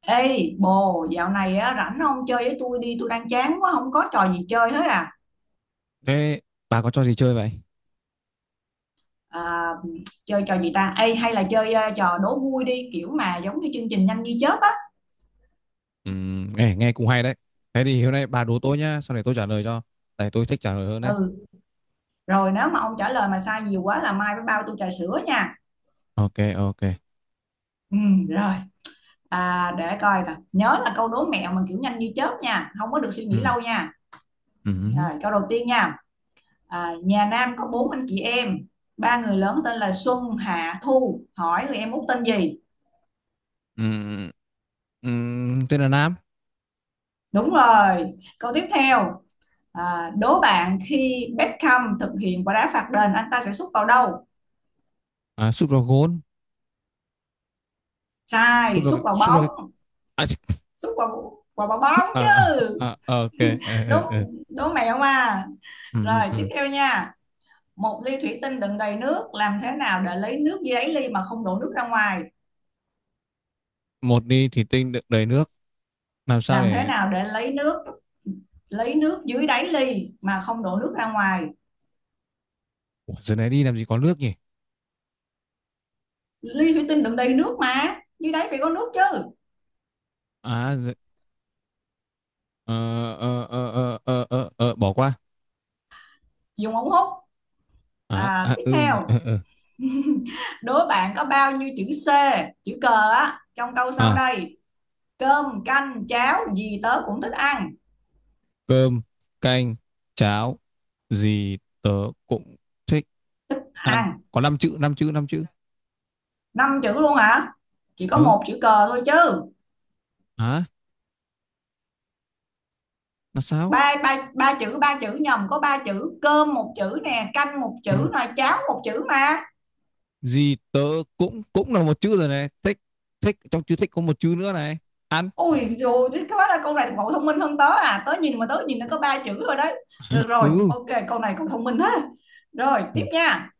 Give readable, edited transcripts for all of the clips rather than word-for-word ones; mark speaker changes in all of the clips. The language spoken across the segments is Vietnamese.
Speaker 1: Ê bồ, dạo này á, rảnh không chơi với tôi đi, tôi đang chán quá, không có trò gì chơi hết à.
Speaker 2: Thế bà có trò gì chơi vậy?
Speaker 1: à Chơi trò gì ta? Ê, hay là chơi trò đố vui đi, kiểu mà giống như chương trình Nhanh Như Chớp á.
Speaker 2: Nghe nghe cũng hay đấy. Thế thì hôm nay bà đố tôi nhá, sau này tôi trả lời cho. Tại tôi thích trả lời hơn đấy.
Speaker 1: Ừ, rồi nếu mà ông trả lời mà sai nhiều quá là mai phải bao tôi trà sữa nha.
Speaker 2: Ok, ok.
Speaker 1: Ừ, rồi. Để coi nè, nhớ là câu đố mẹo mà kiểu nhanh như chớp nha, không có được suy nghĩ
Speaker 2: Ừm,
Speaker 1: lâu nha.
Speaker 2: ừm,
Speaker 1: Rồi, câu đầu tiên nha. Nhà Nam có bốn anh chị em, ba người lớn tên là Xuân, Hạ, Thu, hỏi người em út tên gì?
Speaker 2: ừm, tên là Nam.
Speaker 1: Đúng rồi. Câu tiếp theo. Đố bạn khi Beckham thực hiện quả đá phạt đền, anh ta sẽ sút vào đâu?
Speaker 2: À, sút vào gôn.
Speaker 1: Sai, sút vào
Speaker 2: Sút vào cái-
Speaker 1: bóng.
Speaker 2: à, chích.
Speaker 1: Sút vào vào vào bóng
Speaker 2: À,
Speaker 1: chứ.
Speaker 2: à, à, ok. Ờ,
Speaker 1: Đúng,
Speaker 2: ờ, ờ.
Speaker 1: đố mẹo mà.
Speaker 2: Ừm,
Speaker 1: Rồi,
Speaker 2: ừm,
Speaker 1: tiếp
Speaker 2: ừm.
Speaker 1: theo nha. Một ly thủy tinh đựng đầy nước, làm thế nào để lấy nước dưới đáy ly mà không đổ nước ra ngoài?
Speaker 2: Một đi thì tinh đựng đầy nước. Làm sao
Speaker 1: Làm thế
Speaker 2: để...
Speaker 1: nào để lấy nước dưới đáy ly mà không đổ nước ra ngoài?
Speaker 2: Ủa, giờ này đi làm gì có nước nhỉ?
Speaker 1: Ly thủy tinh đựng đầy nước mà, dưới đáy phải có nước chứ.
Speaker 2: À, giờ... ờ, bỏ qua.
Speaker 1: Dùng ống hút.
Speaker 2: À, à,
Speaker 1: Tiếp
Speaker 2: ừ, nhỉ,
Speaker 1: theo,
Speaker 2: ờ, ờ.
Speaker 1: đố bạn có bao nhiêu chữ C, chữ cờ á, trong câu sau
Speaker 2: À,
Speaker 1: đây? Cơm, canh, cháo gì tớ cũng thích ăn.
Speaker 2: cơm, canh, cháo, gì tớ cũng thích ăn.
Speaker 1: Ăn
Speaker 2: Có 5 chữ, 5 chữ, 5 chữ.
Speaker 1: năm chữ luôn hả? Chỉ có
Speaker 2: Ờ,
Speaker 1: một chữ cờ thôi chứ.
Speaker 2: hả? Là sao?
Speaker 1: Ba ba ba chữ, ba chữ nhầm, có ba chữ, cơm một chữ nè, canh một
Speaker 2: Ừ.
Speaker 1: chữ nè, cháo một chữ mà.
Speaker 2: Gì tớ cũng cũng là một chữ rồi này. Thích, trong chữ thích có một chữ nữa này. Ăn.
Speaker 1: Ôi rồi thế quá là câu này cậu thông minh hơn tớ à, tớ nhìn mà tớ nhìn nó có ba chữ rồi đấy. Được rồi,
Speaker 2: Ừ.
Speaker 1: ok, câu này cậu thông minh thế. Rồi,
Speaker 2: Ừ.
Speaker 1: tiếp nha.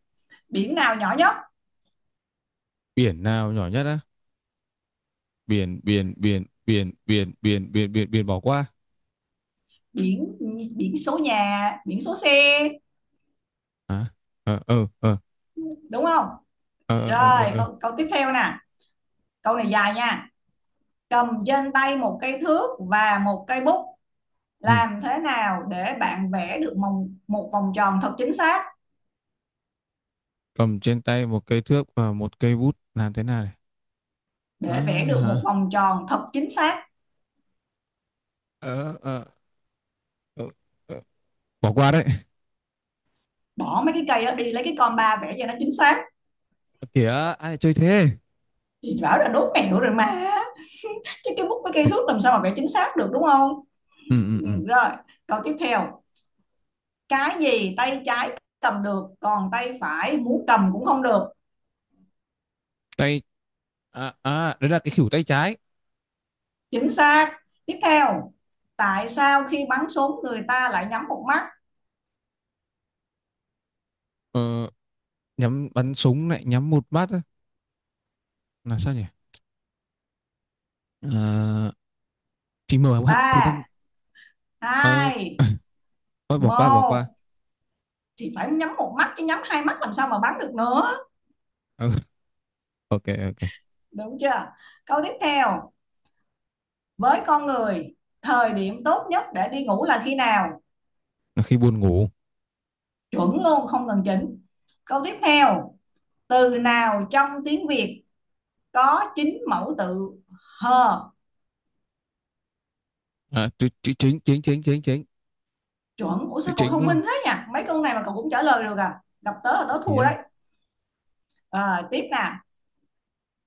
Speaker 1: Biển nào nhỏ nhất?
Speaker 2: Biển nào nhỏ nhất á? Biển, biển, biển, biển, biển, biển, biển, biển, biển bỏ qua.
Speaker 1: Biển biển số nhà, biển số xe,
Speaker 2: Hả? Ờ, ờ, ờ,
Speaker 1: đúng không?
Speaker 2: ờ, ờ, ờ, ờ,
Speaker 1: Rồi,
Speaker 2: ờ.
Speaker 1: câu tiếp theo nè. Câu này dài nha. Cầm trên tay một cây thước và một cây bút,
Speaker 2: Ừ.
Speaker 1: làm thế nào để bạn vẽ được một vòng tròn thật chính xác?
Speaker 2: Cầm trên tay một cây thước và một cây bút. Làm thế nào này?
Speaker 1: Để vẽ
Speaker 2: Ờ,
Speaker 1: được
Speaker 2: hả?
Speaker 1: một vòng tròn thật chính xác.
Speaker 2: Ờ, ờ, ờ, ờ. Bỏ qua đấy.
Speaker 1: Bỏ mấy cái cây đó đi, lấy cái con ba vẽ cho nó chính xác.
Speaker 2: Ơ kìa, ai lại chơi thế?
Speaker 1: Chị bảo là đố mẹo rồi mà. Chứ cái bút với cây
Speaker 2: Ừ,
Speaker 1: thước làm sao mà vẽ chính xác được, đúng không?
Speaker 2: ừ, ừ,
Speaker 1: Ừ,
Speaker 2: ừ.
Speaker 1: rồi, câu tiếp theo. Cái gì tay trái cầm được còn tay phải muốn cầm cũng không được.
Speaker 2: tay à, à đấy là cái khỉu tay trái.
Speaker 1: Chính xác. Tiếp theo, tại sao khi bắn súng người ta lại nhắm một mắt?
Speaker 2: Ờ, nhắm bắn súng lại nhắm một mắt á. Là sao nhỉ? Ờ, chỉ mở hạn thực ra.
Speaker 1: Ba,
Speaker 2: ờ,
Speaker 1: hai,
Speaker 2: Thôi bỏ qua bỏ qua.
Speaker 1: một, thì phải nhắm một mắt chứ, nhắm hai mắt làm sao mà bắn được nữa.
Speaker 2: Ờ, ok, ok.
Speaker 1: Đúng chưa? Câu tiếp theo, với con người, thời điểm tốt nhất để đi ngủ là khi nào?
Speaker 2: Là khi buồn ngủ.
Speaker 1: Chuẩn luôn không cần chỉnh. Câu tiếp theo, từ nào trong tiếng Việt có chín mẫu tự hờ?
Speaker 2: Chữ chính chính chính chính chính.
Speaker 1: Chuẩn, ủa
Speaker 2: Chữ
Speaker 1: sao cậu
Speaker 2: chính,
Speaker 1: thông
Speaker 2: đúng không?
Speaker 1: minh thế nhỉ, mấy câu này mà cậu cũng trả lời được à, gặp tớ là tớ thua đấy.
Speaker 2: Nhiên.
Speaker 1: Tiếp nè,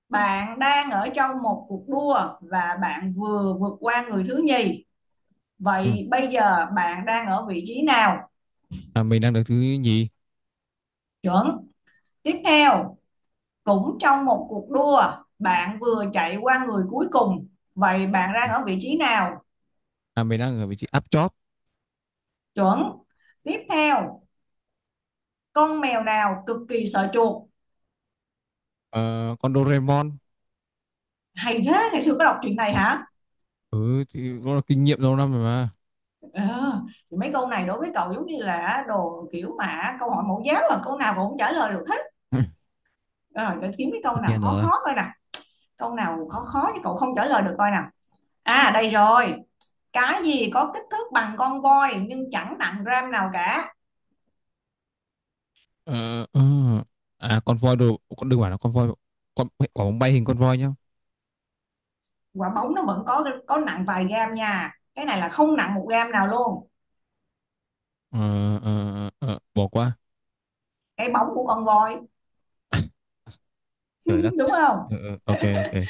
Speaker 1: bạn đang ở trong một cuộc đua và bạn vừa vượt qua người thứ nhì,
Speaker 2: Ừ.
Speaker 1: vậy bây giờ bạn đang ở vị trí nào?
Speaker 2: mình đang được thứ nhì.
Speaker 1: Chuẩn. Tiếp theo, cũng trong một cuộc đua, bạn vừa chạy qua người cuối cùng, vậy bạn
Speaker 2: Ừ.
Speaker 1: đang ở vị trí nào?
Speaker 2: Mình đang ở vị trí áp chót.
Speaker 1: Chuẩn. Tiếp theo, con mèo nào cực kỳ sợ chuột?
Speaker 2: Ờ, con Doraemon.
Speaker 1: Hay thế, ngày xưa có đọc chuyện này hả?
Speaker 2: Ừ thì nó là kinh nghiệm lâu năm rồi mà.
Speaker 1: Ờ, thì mấy câu này đối với cậu giống như là đồ kiểu mà câu hỏi mẫu giáo, là câu nào cậu cũng trả lời được hết. Rồi, để kiếm cái
Speaker 2: Tất
Speaker 1: câu nào
Speaker 2: nhiên
Speaker 1: khó
Speaker 2: rồi.
Speaker 1: khó coi nè, câu nào khó khó chứ cậu không trả lời được coi nào. À, đây rồi, cái gì có kích thước bằng con voi nhưng chẳng nặng gram nào cả?
Speaker 2: Ờ, ờ. À, con voi đồ, con đừng bảo là con voi, con quả bóng bay hình con voi nhá.
Speaker 1: Quả bóng nó vẫn có nặng vài gram nha, cái này là không nặng một gram nào luôn.
Speaker 2: Ờ, ờ, ờ, bỏ qua.
Speaker 1: Cái bóng của con voi.
Speaker 2: Trời đất.
Speaker 1: Đúng không?
Speaker 2: Ờ, ờ, ok, ok.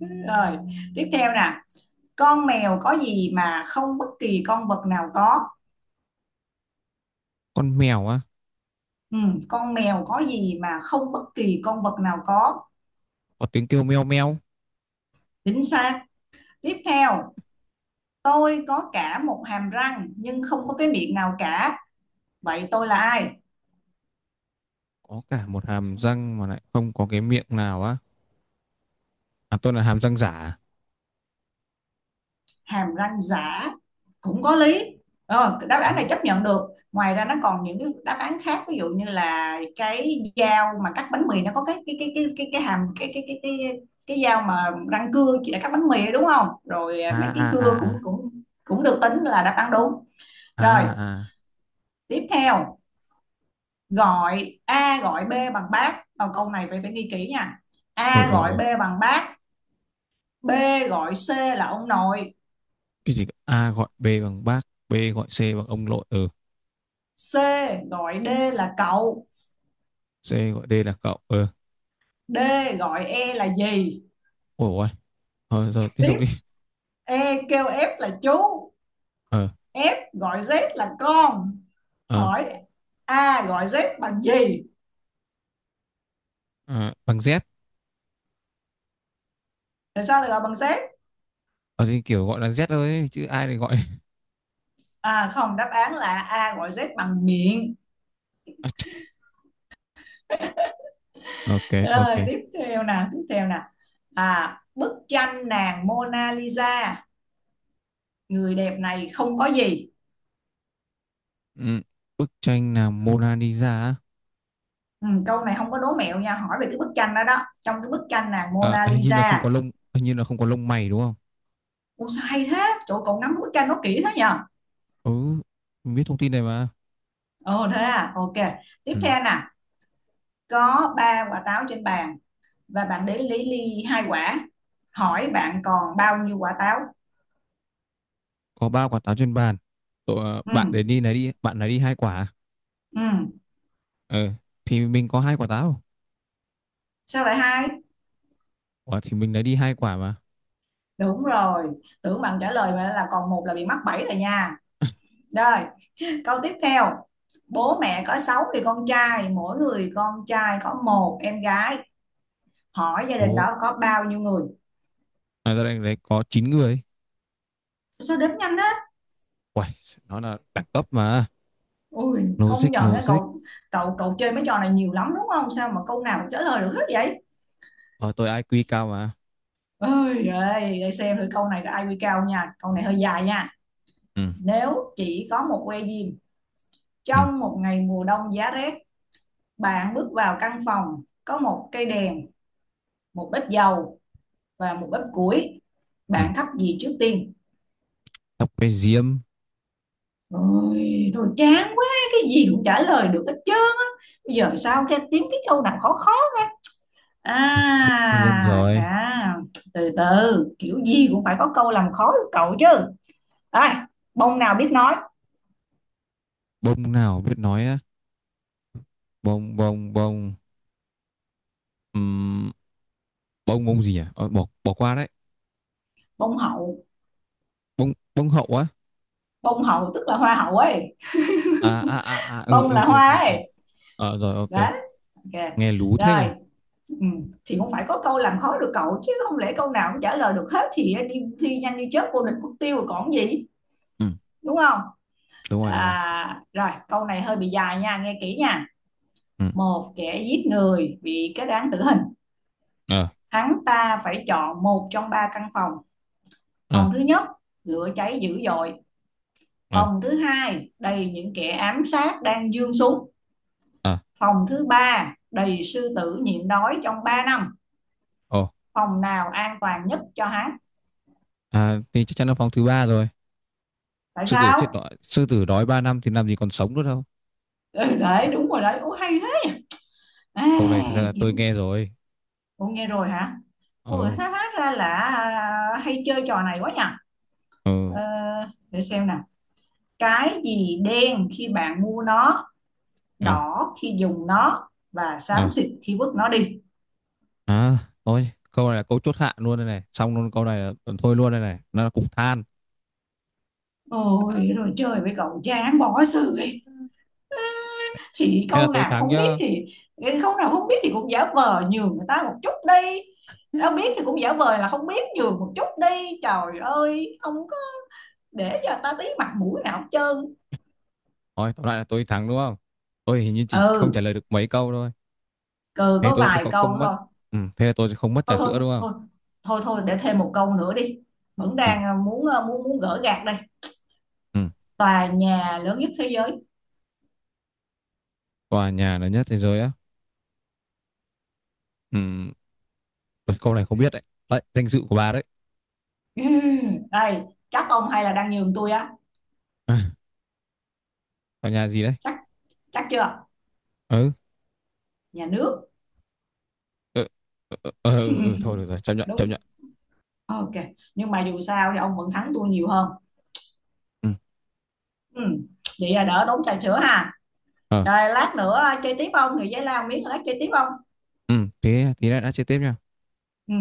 Speaker 1: Rồi, tiếp theo nè, con mèo có gì mà không bất kỳ con vật nào có?
Speaker 2: Con mèo á?
Speaker 1: Ừ, con mèo có gì mà không bất kỳ con vật nào có?
Speaker 2: Có tiếng kêu meo meo.
Speaker 1: Chính xác. Tiếp theo, tôi có cả một hàm răng nhưng không có cái miệng nào cả, vậy tôi là ai?
Speaker 2: Có cả một hàm răng mà lại không có cái miệng nào á? À, tôi là hàm răng giả à?
Speaker 1: Hàm răng giả cũng có lý, rồi đáp
Speaker 2: Ừ.
Speaker 1: án này chấp nhận được. Ngoài ra nó còn những cái đáp án khác, ví dụ như là cái dao mà cắt bánh mì, nó có cái hàm, cái dao mà răng cưa, chỉ để cắt bánh mì, đúng không? Rồi,
Speaker 2: À,
Speaker 1: mấy cái
Speaker 2: à,
Speaker 1: cưa
Speaker 2: à,
Speaker 1: cũng
Speaker 2: à,
Speaker 1: cũng cũng được tính là đáp án đúng.
Speaker 2: à,
Speaker 1: Rồi,
Speaker 2: à,
Speaker 1: tiếp theo, gọi A gọi B bằng bác. Ờ, câu này phải phải ghi kỹ nha.
Speaker 2: ờ,
Speaker 1: A
Speaker 2: ờ,
Speaker 1: gọi
Speaker 2: ờ.
Speaker 1: B bằng bác, B gọi C là ông nội,
Speaker 2: Cái gì cơ? A gọi B bằng bác. B gọi C bằng ông nội. Ừ.
Speaker 1: C gọi D là cậu,
Speaker 2: C gọi D là cậu. Ừ.
Speaker 1: D gọi E là gì?
Speaker 2: Ôi ôi, thôi rồi, tiếp tục
Speaker 1: Tiếp,
Speaker 2: đi.
Speaker 1: E kêu F là chú,
Speaker 2: Ờ.
Speaker 1: F gọi Z là con.
Speaker 2: Ờ.
Speaker 1: Hỏi A gọi Z bằng gì?
Speaker 2: ờ bằng Z.
Speaker 1: Tại sao lại gọi bằng Z?
Speaker 2: Ờ thì kiểu gọi là Z thôi chứ ai lại gọi.
Speaker 1: À không, đáp án là A gọi Z bằng miệng.
Speaker 2: Ok, ok.
Speaker 1: Rồi tiếp theo nè, tiếp theo nè. À, bức tranh nàng Mona Lisa, người đẹp này không có gì?
Speaker 2: Ừ. Bức tranh là Mona Lisa á?
Speaker 1: Ừ, câu này không có đố mẹo nha, hỏi về cái bức tranh đó đó, trong cái bức tranh nàng
Speaker 2: à,
Speaker 1: Mona
Speaker 2: hình như là không có
Speaker 1: Lisa.
Speaker 2: lông hình như là không có lông mày, đúng không?
Speaker 1: Ủa sao hay thế? Chỗ cậu ngắm bức tranh nó kỹ thế nhờ?
Speaker 2: Ừ, mình biết thông tin này mà.
Speaker 1: Ồ thế à, ok. Tiếp
Speaker 2: Ừ.
Speaker 1: theo nè, có ba quả táo trên bàn và bạn đến lấy ly hai quả, hỏi bạn còn bao nhiêu quả táo?
Speaker 2: Có ba quả táo trên bàn. Ờ,
Speaker 1: Ừ,
Speaker 2: Bạn để đi này đi bạn lấy đi hai quả à?
Speaker 1: ừ,
Speaker 2: Ờ, thì mình có hai quả táo.
Speaker 1: sao lại hai?
Speaker 2: Ủa, thì mình lấy đi hai quả mà.
Speaker 1: Đúng rồi, tưởng bạn trả lời mà là còn một là bị mắc bẫy rồi nha. Rồi, câu tiếp theo, bố mẹ có sáu người con trai, mỗi người con trai có một em gái, hỏi gia đình
Speaker 2: Ồ.
Speaker 1: đó có bao nhiêu người?
Speaker 2: Ra đây đấy có 9 người.
Speaker 1: Sao đếm nhanh á,
Speaker 2: Uầy, nó là đẳng cấp mà.
Speaker 1: ui công
Speaker 2: Logic,
Speaker 1: nhận á
Speaker 2: logic.
Speaker 1: cậu, cậu chơi mấy trò này nhiều lắm đúng không, sao mà câu nào cũng trả lời được hết vậy?
Speaker 2: Ờ, tôi IQ cao mà.
Speaker 1: Ôi giời, để xem thử câu này có IQ cao nha. Câu này hơi dài nha.
Speaker 2: Ừ,
Speaker 1: Nếu chỉ có một que diêm
Speaker 2: ừ,
Speaker 1: trong một ngày mùa đông giá rét, bạn bước vào căn phòng có một cây đèn, một bếp dầu và một bếp củi,
Speaker 2: ừ.
Speaker 1: bạn thắp gì trước tiên?
Speaker 2: Tóc bé diêm.
Speaker 1: Ôi, thôi chán quá, cái gì cũng trả lời được hết trơn á. Bây giờ sao cái kiếm cái câu nào khó khó?
Speaker 2: Tất nhiên
Speaker 1: À,
Speaker 2: rồi.
Speaker 1: à, Từ từ, kiểu gì cũng phải có câu làm khó được cậu chứ. Ai, bông nào biết nói?
Speaker 2: Bông nào biết nói á? Bông. Ừm, bông bông gì? À, Ờ, bỏ bỏ qua đấy.
Speaker 1: Bông hậu.
Speaker 2: Bông bông hậu á?
Speaker 1: Bông hậu tức là hoa hậu ấy,
Speaker 2: À, à, à, à, ừ,
Speaker 1: bông
Speaker 2: ừ,
Speaker 1: là
Speaker 2: ừ,
Speaker 1: hoa
Speaker 2: ừ, ừ.
Speaker 1: ấy,
Speaker 2: Ờ, rồi, ok.
Speaker 1: đó, ok.
Speaker 2: Nghe lú thế nhỉ.
Speaker 1: Rồi, ừ, thì cũng phải có câu làm khó được cậu chứ, không lẽ câu nào cũng trả lời được hết thì đi thi Nhanh Như Chớp vô địch mất tiêu rồi còn gì,
Speaker 2: Ừ.
Speaker 1: đúng không?
Speaker 2: Đúng rồi, đúng rồi.
Speaker 1: Rồi, câu này hơi bị dài nha, nghe kỹ nha.
Speaker 2: Ừ.
Speaker 1: Một kẻ giết người bị kết án tử hình,
Speaker 2: Ờ,
Speaker 1: hắn ta phải chọn một trong ba căn phòng.
Speaker 2: ờ,
Speaker 1: Phòng thứ nhất lửa cháy dữ dội,
Speaker 2: ờ,
Speaker 1: phòng thứ hai đầy những kẻ ám sát đang giương súng,
Speaker 2: ờ.
Speaker 1: phòng thứ ba đầy sư tử nhịn đói trong 3 năm.
Speaker 2: Ồ.
Speaker 1: Phòng nào an toàn nhất cho hát?
Speaker 2: Thì chắc chắn là phòng thứ ba rồi.
Speaker 1: Tại
Speaker 2: Sư tử chết
Speaker 1: sao?
Speaker 2: đói, sư tử đói ba năm thì làm gì còn sống nữa đâu.
Speaker 1: Ừ, đấy, đúng rồi đấy. Ủa hay thế. À,
Speaker 2: Câu này thực ra là tôi
Speaker 1: kiếm...
Speaker 2: nghe rồi.
Speaker 1: Ủa nghe rồi hả? Ủa
Speaker 2: Ừ,
Speaker 1: hát, hát ra là à, hay chơi trò này quá nhỉ.
Speaker 2: ừ.
Speaker 1: Ờ, để xem nào. Cái gì đen khi bạn mua nó,
Speaker 2: Ờ,
Speaker 1: đỏ khi dùng nó và
Speaker 2: ờ.
Speaker 1: xám xịt khi vứt nó đi?
Speaker 2: À, thôi, câu này là câu chốt hạ luôn đây này. Xong luôn, câu này là thôi luôn đây này. Nó là cục than.
Speaker 1: Ôi rồi chơi với cậu chán bỏ sự, thì
Speaker 2: Thế là
Speaker 1: câu
Speaker 2: tôi
Speaker 1: nào
Speaker 2: thắng
Speaker 1: không biết
Speaker 2: nhá.
Speaker 1: thì, cái câu nào không biết thì cũng giả vờ nhường người ta một chút đi, đâu biết thì cũng giả vờ là không biết nhường một chút đi, trời ơi không có, để cho ta tí mặt mũi nào hết trơn.
Speaker 2: Thôi, tóm lại là tôi thắng đúng không? Tôi hình như chỉ không trả
Speaker 1: Ừ,
Speaker 2: lời được mấy câu thôi.
Speaker 1: cừ
Speaker 2: Thế
Speaker 1: có
Speaker 2: tôi sẽ
Speaker 1: vài
Speaker 2: không,
Speaker 1: câu
Speaker 2: không mất.
Speaker 1: thôi
Speaker 2: Ừ, thế là tôi sẽ không mất
Speaker 1: thôi
Speaker 2: trà
Speaker 1: thôi
Speaker 2: sữa đúng không?
Speaker 1: thôi thôi thôi, để thêm một câu nữa đi, vẫn
Speaker 2: Ừ,
Speaker 1: đang à, muốn muốn gỡ gạc đây.
Speaker 2: ừ.
Speaker 1: Tòa nhà lớn nhất thế giới.
Speaker 2: Tòa nhà lớn nhất thế giới á? Ừ, câu này không biết đấy. Đấy, danh dự của bà đấy.
Speaker 1: Đây, chắc ông hay là đang nhường tôi á?
Speaker 2: À, tòa nhà gì đấy?
Speaker 1: Chắc chắc chưa?
Speaker 2: Ừ,
Speaker 1: Nhà nước.
Speaker 2: ừ, ừ, ừ, ừ, ừ, ừ, thôi được rồi, chấp nhận, chấp
Speaker 1: Đúng,
Speaker 2: nhận.
Speaker 1: ok, nhưng mà dù sao thì ông vẫn thắng tôi nhiều hơn.
Speaker 2: Ừ,
Speaker 1: Ừ. Vậy là đỡ tốn trà sữa ha.
Speaker 2: ờ,
Speaker 1: Rồi lát nữa chơi tiếp không? Người giấy lao miếng lát chơi tiếp không?
Speaker 2: ừ, thế tí nữa đã chơi tiếp nha.
Speaker 1: Ừ.